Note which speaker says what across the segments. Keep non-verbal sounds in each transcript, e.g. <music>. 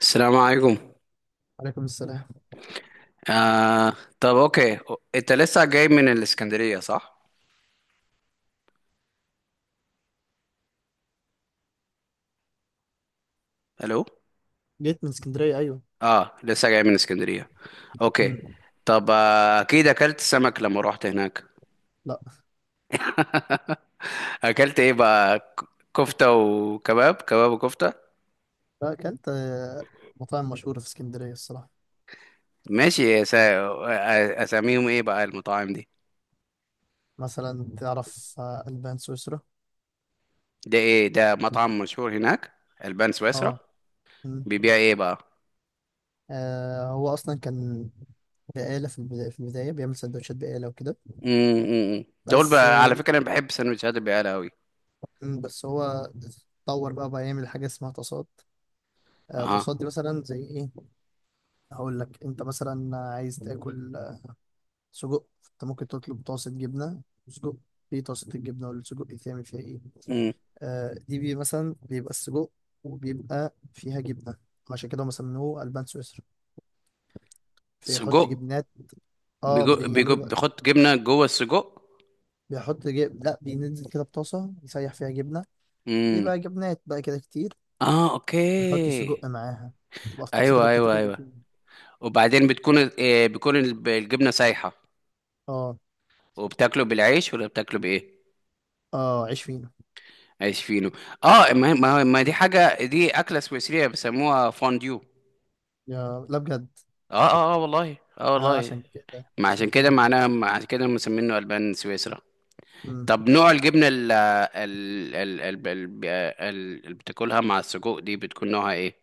Speaker 1: السلام عليكم.
Speaker 2: عليكم السلام.
Speaker 1: آه. طب، اوكي. انت لسه جاي من الاسكندرية صح؟ الو.
Speaker 2: جيت من اسكندرية، أيوة.
Speaker 1: اه، لسه جاي من الاسكندرية. اوكي.
Speaker 2: مم.
Speaker 1: طب اكيد اكلت سمك لما روحت هناك.
Speaker 2: لا.
Speaker 1: <laughs> اكلت ايه بقى كفتة وكباب كباب وكفتة.
Speaker 2: لا، أكلت مطاعم مشهورة في اسكندرية الصراحة.
Speaker 1: ماشي يا سا... آه، اساميهم ايه بقى المطاعم دي؟
Speaker 2: مثلا تعرف ألبان سويسرا.
Speaker 1: ده ايه ده؟ مطعم مشهور هناك؟ البان سويسرا.
Speaker 2: اه. مم.
Speaker 1: بيبيع ايه بقى؟
Speaker 2: هو أصلا كان بقالة في البداية بيعمل سندوتشات بقالة وكده.
Speaker 1: دول
Speaker 2: بس
Speaker 1: بقى على
Speaker 2: آه،
Speaker 1: فكرة انا بحب سندوتشات البقالة قوي.
Speaker 2: مم، بس هو اتطور بقى يعمل حاجة اسمها تصاد.
Speaker 1: اها.
Speaker 2: تصاد دي مثلا زي إيه؟ هقول لك. أنت مثلا عايز تاكل سجق. أنت ممكن تطلب طاسة جبنة وسجق. في طاسة الجبنة والسجق يتعمل فيها إيه؟
Speaker 1: امم.
Speaker 2: دي بي مثلا بيبقى السجق وبيبقى فيها جبنة. عشان كده هم سموه ألبان سويسرا. بيحط
Speaker 1: سجق.
Speaker 2: جبنات. اه،
Speaker 1: بيجو بيجو
Speaker 2: بيعملوا بقى.
Speaker 1: بيحط جبنه جوه السجق.
Speaker 2: لا، بينزل كده بطاسة يسيح فيها جبنة.
Speaker 1: امم.
Speaker 2: بيبقى جبنات بقى كده كتير،
Speaker 1: اه، اوكي.
Speaker 2: ويحط السجق معاها. تبقى في طاسة كده
Speaker 1: ايوه، ايوه،
Speaker 2: بتتاكل
Speaker 1: ايوه.
Speaker 2: بالفينو.
Speaker 1: وبعدين بتكون الجبنه سايحه.
Speaker 2: اه.
Speaker 1: وبتاكله بالعيش ولا بتاكله بايه؟
Speaker 2: اه، عيش فينو.
Speaker 1: عيش فينو. اه، ما دي حاجه، دي اكله سويسريه بيسموها فونديو.
Speaker 2: يا لا، بجد؟
Speaker 1: اه، اه، اه، والله، اه والله.
Speaker 2: عشان كده
Speaker 1: ما
Speaker 2: عشان
Speaker 1: عشان كده
Speaker 2: كده
Speaker 1: معناها، ما عشان كده مسمينه البان سويسرا.
Speaker 2: مم.
Speaker 1: طب نوع الجبنه ال اللي بتاكلها مع السجق دي بتكون نوعها ايه؟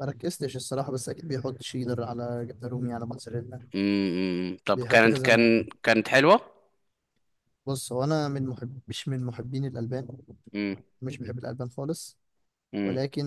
Speaker 2: ما ركزتش الصراحة، بس أكيد بيحط شيدر على جبنة رومي على موتزاريلا.
Speaker 1: امم. طب
Speaker 2: بيحط
Speaker 1: كانت
Speaker 2: كذا نوع.
Speaker 1: كان كانت حلوة؟
Speaker 2: بص، هو أنا من محب مش من محبين الألبان.
Speaker 1: امم،
Speaker 2: مش بحب الألبان خالص.
Speaker 1: امم،
Speaker 2: ولكن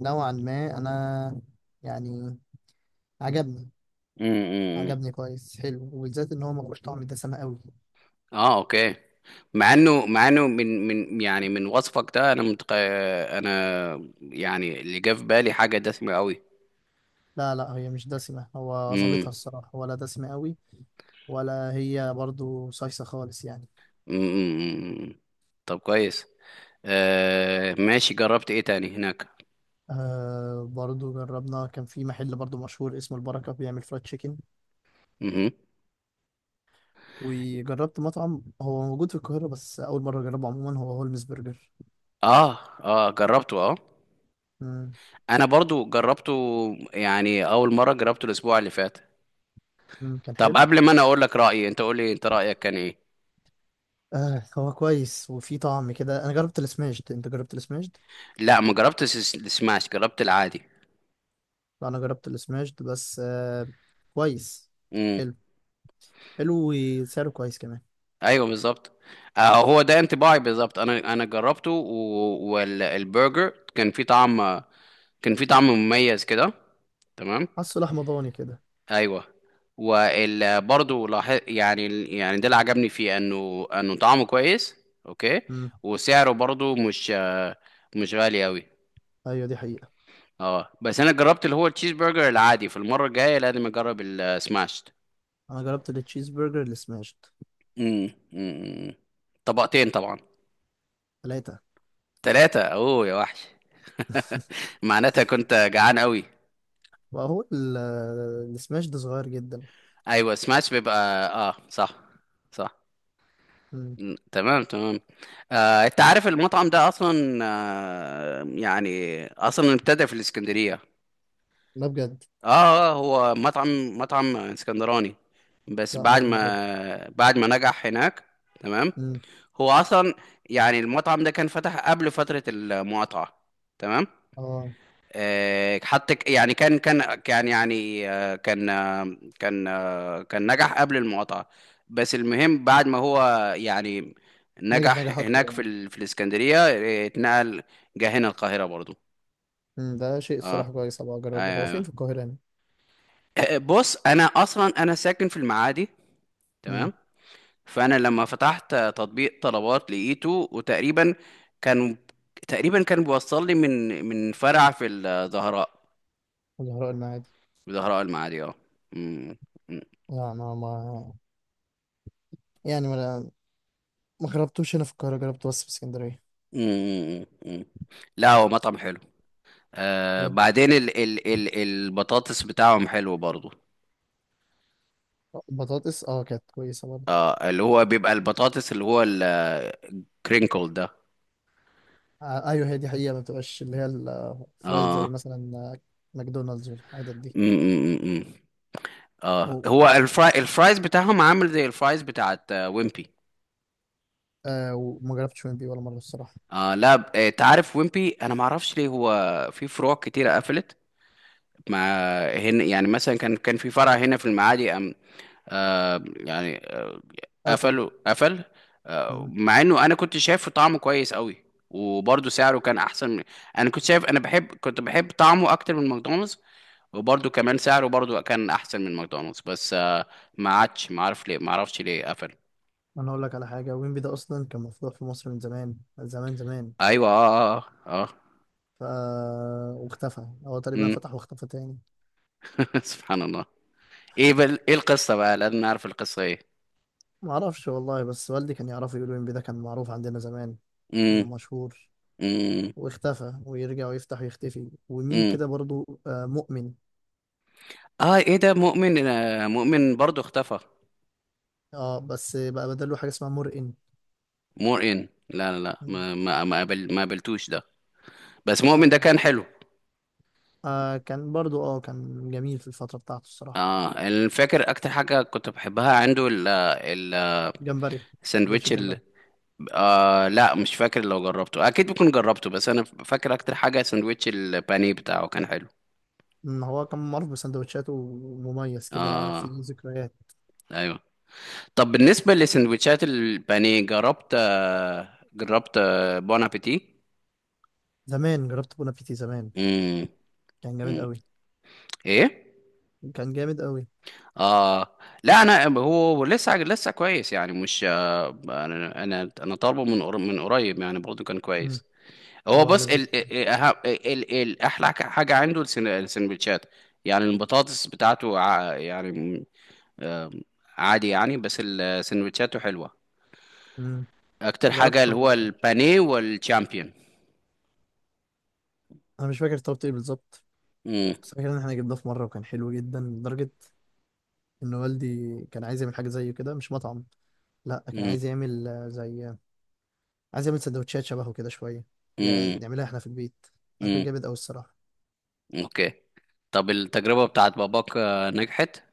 Speaker 2: نوعا ما أنا يعني عجبني.
Speaker 1: امم،
Speaker 2: عجبني كويس، حلو، وبالذات إن هو ما فيهوش طعم دسمة قوي.
Speaker 1: اه اوكي. مع انه، من يعني من وصفك ده انا انا يعني اللي جه في بالي حاجة دسمة قوي.
Speaker 2: لا لا، هي مش دسمة، هو
Speaker 1: امم،
Speaker 2: ظابطها الصراحة، ولا دسمة قوي ولا هي برضو صيصة خالص يعني.
Speaker 1: امم. طب كويس. ماشي، جربت ايه تاني هناك؟
Speaker 2: برضو جربنا. كان في محل برضو مشهور اسمه البركة بيعمل فرايد تشيكن.
Speaker 1: امم.
Speaker 2: وجربت مطعم هو موجود في القاهرة بس أول مرة أجربه، عموما هو هولمز برجر.
Speaker 1: اه، اه، جربته، اه.
Speaker 2: مم.
Speaker 1: انا برضو جربته، يعني اول مرة جربته الاسبوع اللي فات.
Speaker 2: كان
Speaker 1: طب
Speaker 2: حلو.
Speaker 1: قبل ما انا اقول لك رأيي، انت قول لي انت رأيك كان ايه.
Speaker 2: هو كويس وفي طعم كده. انا جربت السماشد، انت جربت السماشد؟
Speaker 1: لا ما جربتش السماش، جربت العادي.
Speaker 2: لا، انا جربت السماشد بس كويس.
Speaker 1: امم.
Speaker 2: حلو. حلو. وسعره كويس كمان.
Speaker 1: ايوه بالظبط. هو ده انطباعي بالظبط. انا، جربته والبرجر كان فيه طعم. كان فيه طعم مميز كده. تمام.
Speaker 2: حاسه لحمة ضاني كده.
Speaker 1: ايوه، برضه لاحظ يعني يعني ده اللي عجبني فيه، انه طعمه كويس. اوكي.
Speaker 2: امم.
Speaker 1: وسعره برضه مش مش غالي قوي.
Speaker 2: ايوه، دي حقيقة.
Speaker 1: اه، بس انا جربت اللي هو التشيز برجر العادي. في المره الجايه لازم اجرب السماش.
Speaker 2: انا جربت التشيز برجر السماشد.
Speaker 1: امم، أمم. طبقتين طبعا؟
Speaker 2: ثلاثة.
Speaker 1: ثلاثة؟ اوه يا وحش. <laughs> معناتها كنت جعان قوي.
Speaker 2: واهو السماشد صغير جدا.
Speaker 1: ايوه، سماش بيبقى. اه صح. صح.
Speaker 2: امم.
Speaker 1: تمام، تمام. انت عارف المطعم ده اصلا يعني اصلا ابتدى في الاسكندرية.
Speaker 2: لا، بجد؟
Speaker 1: اه هو مطعم، مطعم اسكندراني. بس
Speaker 2: لا،
Speaker 1: بعد
Speaker 2: اول مرة ده.
Speaker 1: ما، نجح هناك. تمام.
Speaker 2: امم.
Speaker 1: هو اصلا، يعني المطعم ده كان فتح قبل فترة المقاطعة. تمام.
Speaker 2: اه.
Speaker 1: يعني كان يعني كان نجح قبل المقاطعة. بس المهم بعد ما هو، يعني،
Speaker 2: نجح
Speaker 1: نجح
Speaker 2: نجح اكتر
Speaker 1: هناك
Speaker 2: يعني.
Speaker 1: في الإسكندرية، اتنقل، جه هنا القاهرة برضو.
Speaker 2: امم. ده شيء
Speaker 1: اه.
Speaker 2: الصراحة كويس، ابقى اجربه، هو فين
Speaker 1: آه.
Speaker 2: في القاهرة يعني؟
Speaker 1: بص انا ساكن في المعادي. تمام.
Speaker 2: امم.
Speaker 1: فانا لما فتحت تطبيق طلبات لقيته. وتقريبا كان، تقريبا كان بيوصل لي من فرع في الزهراء.
Speaker 2: زهراء المعادي.
Speaker 1: في زهراء المعادي، اه. مم.
Speaker 2: لا، ما يعني ما جربتوش هنا في القاهرة، جربته بس في اسكندرية.
Speaker 1: امم، امم. لا هو مطعم حلو.
Speaker 2: إيه؟
Speaker 1: بعدين ال ال ال البطاطس بتاعهم حلو برضو،
Speaker 2: بطاطس كانت كويسة برضه.
Speaker 1: اللي هو بيبقى البطاطس اللي هو الكرينكل ده.
Speaker 2: ايوه، هي دي حقيقة، ما بتبقاش اللي هي الفرايد
Speaker 1: اه.
Speaker 2: زي مثلا ماكدونالدز والحاجات دي.
Speaker 1: امم. اه،
Speaker 2: و...
Speaker 1: هو الفرايز بتاعهم عامل زي الفرايز بتاعت ويمبي.
Speaker 2: وما جربتش ويمبي ولا مرة الصراحة.
Speaker 1: اه، لا، تعرف ويمبي، انا ما اعرفش ليه هو في فروع كتيره قفلت. ما هنا يعني مثلا، كان كان في فرع هنا في المعادي آه يعني آه
Speaker 2: قفل.
Speaker 1: قفله، قفل.
Speaker 2: مم.
Speaker 1: مع انه انا كنت شايفه طعمه كويس قوي. وبرضه سعره كان احسن من، انا كنت شايف، انا بحب، كنت بحب طعمه اكتر من ماكدونالدز. وبرضه كمان سعره برضه كان احسن من ماكدونالدز بس ما عادش، ما عارف ليه، ما اعرفش ليه قفل.
Speaker 2: انا اقول لك على حاجة، ويمبي ده اصلا كان مفتوح في مصر من زمان زمان زمان،
Speaker 1: ايوه، اه، اه، اه.
Speaker 2: ف واختفى. هو تقريبا
Speaker 1: امم.
Speaker 2: فتح واختفى تاني.
Speaker 1: <laughs> سبحان الله. ايه ايه القصه بقى؟ لازم نعرف القصه ايه.
Speaker 2: ما اعرفش والله، بس والدي كان يعرفه، يقول ويمبي ده كان معروف عندنا زمان. كان
Speaker 1: امم،
Speaker 2: مشهور
Speaker 1: امم،
Speaker 2: واختفى، ويرجع ويفتح ويختفي. ومين
Speaker 1: امم.
Speaker 2: كده برضو مؤمن.
Speaker 1: اه، ايه ده مؤمن؟ مؤمن برضه اختفى؟
Speaker 2: اه، بس بقى بدله حاجة اسمها مرئن.
Speaker 1: مور ان؟ لا، لا، لا،
Speaker 2: مم.
Speaker 1: ما ما ما ما قابلتوش ده. بس مؤمن
Speaker 2: لا،
Speaker 1: ده كان
Speaker 2: هو
Speaker 1: حلو.
Speaker 2: كان برضو كان جميل في الفترة بتاعته الصراحة.
Speaker 1: اه، أنا فاكر اكتر حاجه كنت بحبها عنده
Speaker 2: جمبري. سندوتش
Speaker 1: الساندوتش
Speaker 2: الجمبري.
Speaker 1: لا مش فاكر، لو جربته اكيد بكون جربته. بس انا فاكر اكتر حاجه ساندوتش البانيه بتاعه كان حلو.
Speaker 2: هو كان معروف بسندوتشاته ومميز كده
Speaker 1: اه،
Speaker 2: في ذكريات.
Speaker 1: ايوه. طب بالنسبه لسندوتشات البانيه، جربت بون ابيتي؟
Speaker 2: زمان جربت بون ابيتي زمان.
Speaker 1: امم،
Speaker 2: كان جامد
Speaker 1: أمم.
Speaker 2: قوي.
Speaker 1: ايه.
Speaker 2: كان جامد قوي.
Speaker 1: اه، لا، انا هو لسه، كويس يعني، مش انا، انا طالبه من من قريب يعني، برضه كان
Speaker 2: مم،
Speaker 1: كويس. هو
Speaker 2: هو
Speaker 1: بص
Speaker 2: لذيذ.
Speaker 1: احلى حاجه عنده السندوتشات يعني. البطاطس بتاعته يعني م- آم، عادي يعني. بس السندوتشاته حلوه.
Speaker 2: مم،
Speaker 1: اكتر
Speaker 2: جربت
Speaker 1: حاجه اللي
Speaker 2: شاورما
Speaker 1: هو
Speaker 2: بس. مش فاكر.
Speaker 1: البانيه والشامبيون.
Speaker 2: انا مش فاكر طلبت ايه بالظبط،
Speaker 1: امم،
Speaker 2: بس فاكر ان احنا جبناه في مرة وكان حلو جدا لدرجة ان والدي كان عايز يعمل حاجه زيه كده، مش مطعم. لا، كان
Speaker 1: امم،
Speaker 2: عايز يعمل زي، عايز يعمل سندوتشات شبهه كده شويه، يعني
Speaker 1: امم،
Speaker 2: نعملها احنا في البيت. ده كان
Speaker 1: امم.
Speaker 2: جامد قوي الصراحه.
Speaker 1: اوكي. طب التجربه بتاعت باباك نجحت؟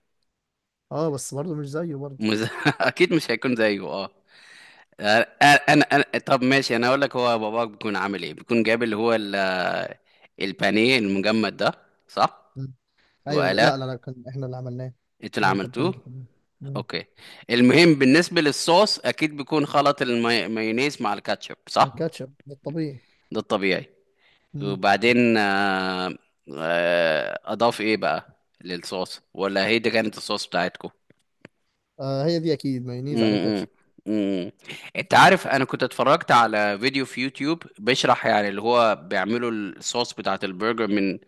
Speaker 2: اه، بس برضه مش زيه برضه.
Speaker 1: مز... <laughs> اكيد مش هيكون زيه، اه. انا، طب ماشي، انا اقول لك، هو باباك بيكون عامل ايه؟ بيكون جايب اللي هو البانيه المجمد ده، صح؟
Speaker 2: مم. ايوه،
Speaker 1: وقلاه؟
Speaker 2: لا لا لا، كان احنا اللي عملناه.
Speaker 1: انتوا اللي
Speaker 2: احنا اللي
Speaker 1: عملتوه.
Speaker 2: تبلنا كمان. مم.
Speaker 1: اوكي. المهم بالنسبه للصوص، اكيد بيكون خلط المايونيز مع الكاتشب،
Speaker 2: عن
Speaker 1: صح؟
Speaker 2: كاتشب، ده الطبيعي.
Speaker 1: ده الطبيعي.
Speaker 2: مم.
Speaker 1: وبعدين اضاف ايه بقى للصوص، ولا هي دي كانت الصوص بتاعتكم؟
Speaker 2: هي دي اكيد مايونيز على
Speaker 1: امم،
Speaker 2: كاتشب.
Speaker 1: امم. انت عارف انا كنت اتفرجت على فيديو في يوتيوب بيشرح، يعني اللي هو بيعملوا الصوص بتاعت البرجر من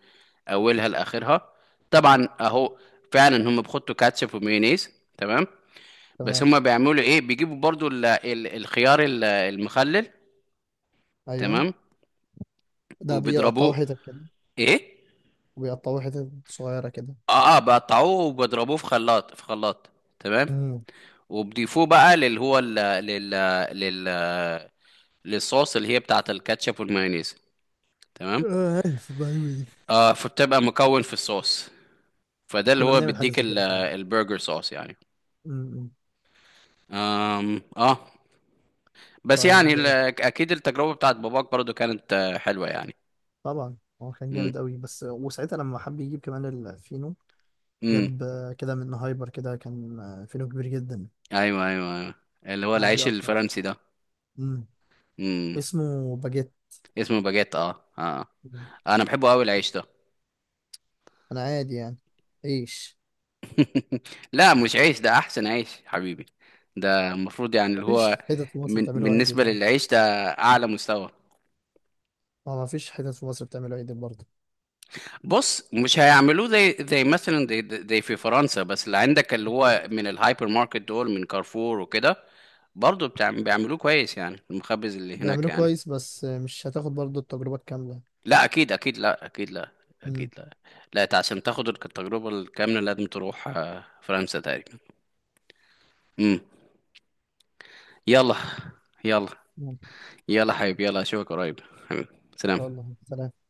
Speaker 1: اولها لاخرها. طبعا
Speaker 2: مم.
Speaker 1: اهو. فعلا هم بيحطوا كاتشب ومايونيز. تمام. بس
Speaker 2: تمام.
Speaker 1: هم بيعملوا ايه، بيجيبوا برضو ال ال الخيار المخلل.
Speaker 2: ايوه،
Speaker 1: تمام.
Speaker 2: ده بيقطعوه
Speaker 1: وبيضربوه.
Speaker 2: حتت كده،
Speaker 1: ايه.
Speaker 2: وبيقطعوه حتت صغيره كده.
Speaker 1: اه، اه، بقطعوه وبيضربوه في خلاط، في خلاط. تمام.
Speaker 2: مم.
Speaker 1: وبيضيفوه بقى للي هو ال- لل لل للصوص اللي هي بتاعت الكاتشب والمايونيز. تمام.
Speaker 2: عارف المعلومة دي.
Speaker 1: فبتبقى مكون في الصوص، فده اللي
Speaker 2: كنا
Speaker 1: هو
Speaker 2: بنعمل حاجه
Speaker 1: بيديك
Speaker 2: زي كده فعلا.
Speaker 1: البرجر صوص يعني.
Speaker 2: مم.
Speaker 1: اه. بس يعني
Speaker 2: طيب.
Speaker 1: اكيد التجربة بتاعت باباك برضو كانت حلوة يعني.
Speaker 2: طبعا. هو كان
Speaker 1: امم،
Speaker 2: جامد قوي، بس وساعتها لما حب يجيب كمان الفينو
Speaker 1: امم.
Speaker 2: جاب كده من هايبر كده. كان فينو كبير جدا،
Speaker 1: ايوه، ايوه، ايوه. اللي هو
Speaker 2: بعد
Speaker 1: العيش
Speaker 2: يقطع.
Speaker 1: الفرنسي ده.
Speaker 2: مم.
Speaker 1: امم.
Speaker 2: اسمه باجيت.
Speaker 1: اسمه باجيت. اه، اه. انا بحبه قوي العيش ده.
Speaker 2: انا عادي يعني. عيش.
Speaker 1: <laughs> لا مش عيش، ده احسن عيش حبيبي. ده المفروض يعني اللي هو،
Speaker 2: مفيش حتت في مصر
Speaker 1: من
Speaker 2: بتعمله عدل
Speaker 1: بالنسبة
Speaker 2: يعني.
Speaker 1: للعيش ده، اعلى مستوى.
Speaker 2: ما مفيش حتت في مصر بتعمله عدل برضه.
Speaker 1: بص مش هيعملوه زي زي مثلا زي، في فرنسا، بس اللي عندك اللي
Speaker 2: اكيد
Speaker 1: هو من الهايبر ماركت دول، من كارفور وكده، برضه بتاع بيعملوه كويس يعني، المخبز اللي هناك
Speaker 2: بيعملوه
Speaker 1: يعني.
Speaker 2: كويس بس مش هتاخد برضه التجربة الكاملة.
Speaker 1: لا اكيد، اكيد لا، اكيد لا،
Speaker 2: مم.
Speaker 1: اكيد لا. لا انت عشان تاخد التجربة الكاملة لازم تروح فرنسا تقريبا. امم. يلا. يلا.
Speaker 2: ممكن.
Speaker 1: يلا حبيبي، يلا اشوفك قريب. حبيبي،
Speaker 2: ان شاء
Speaker 1: سلام.
Speaker 2: الله. سلام.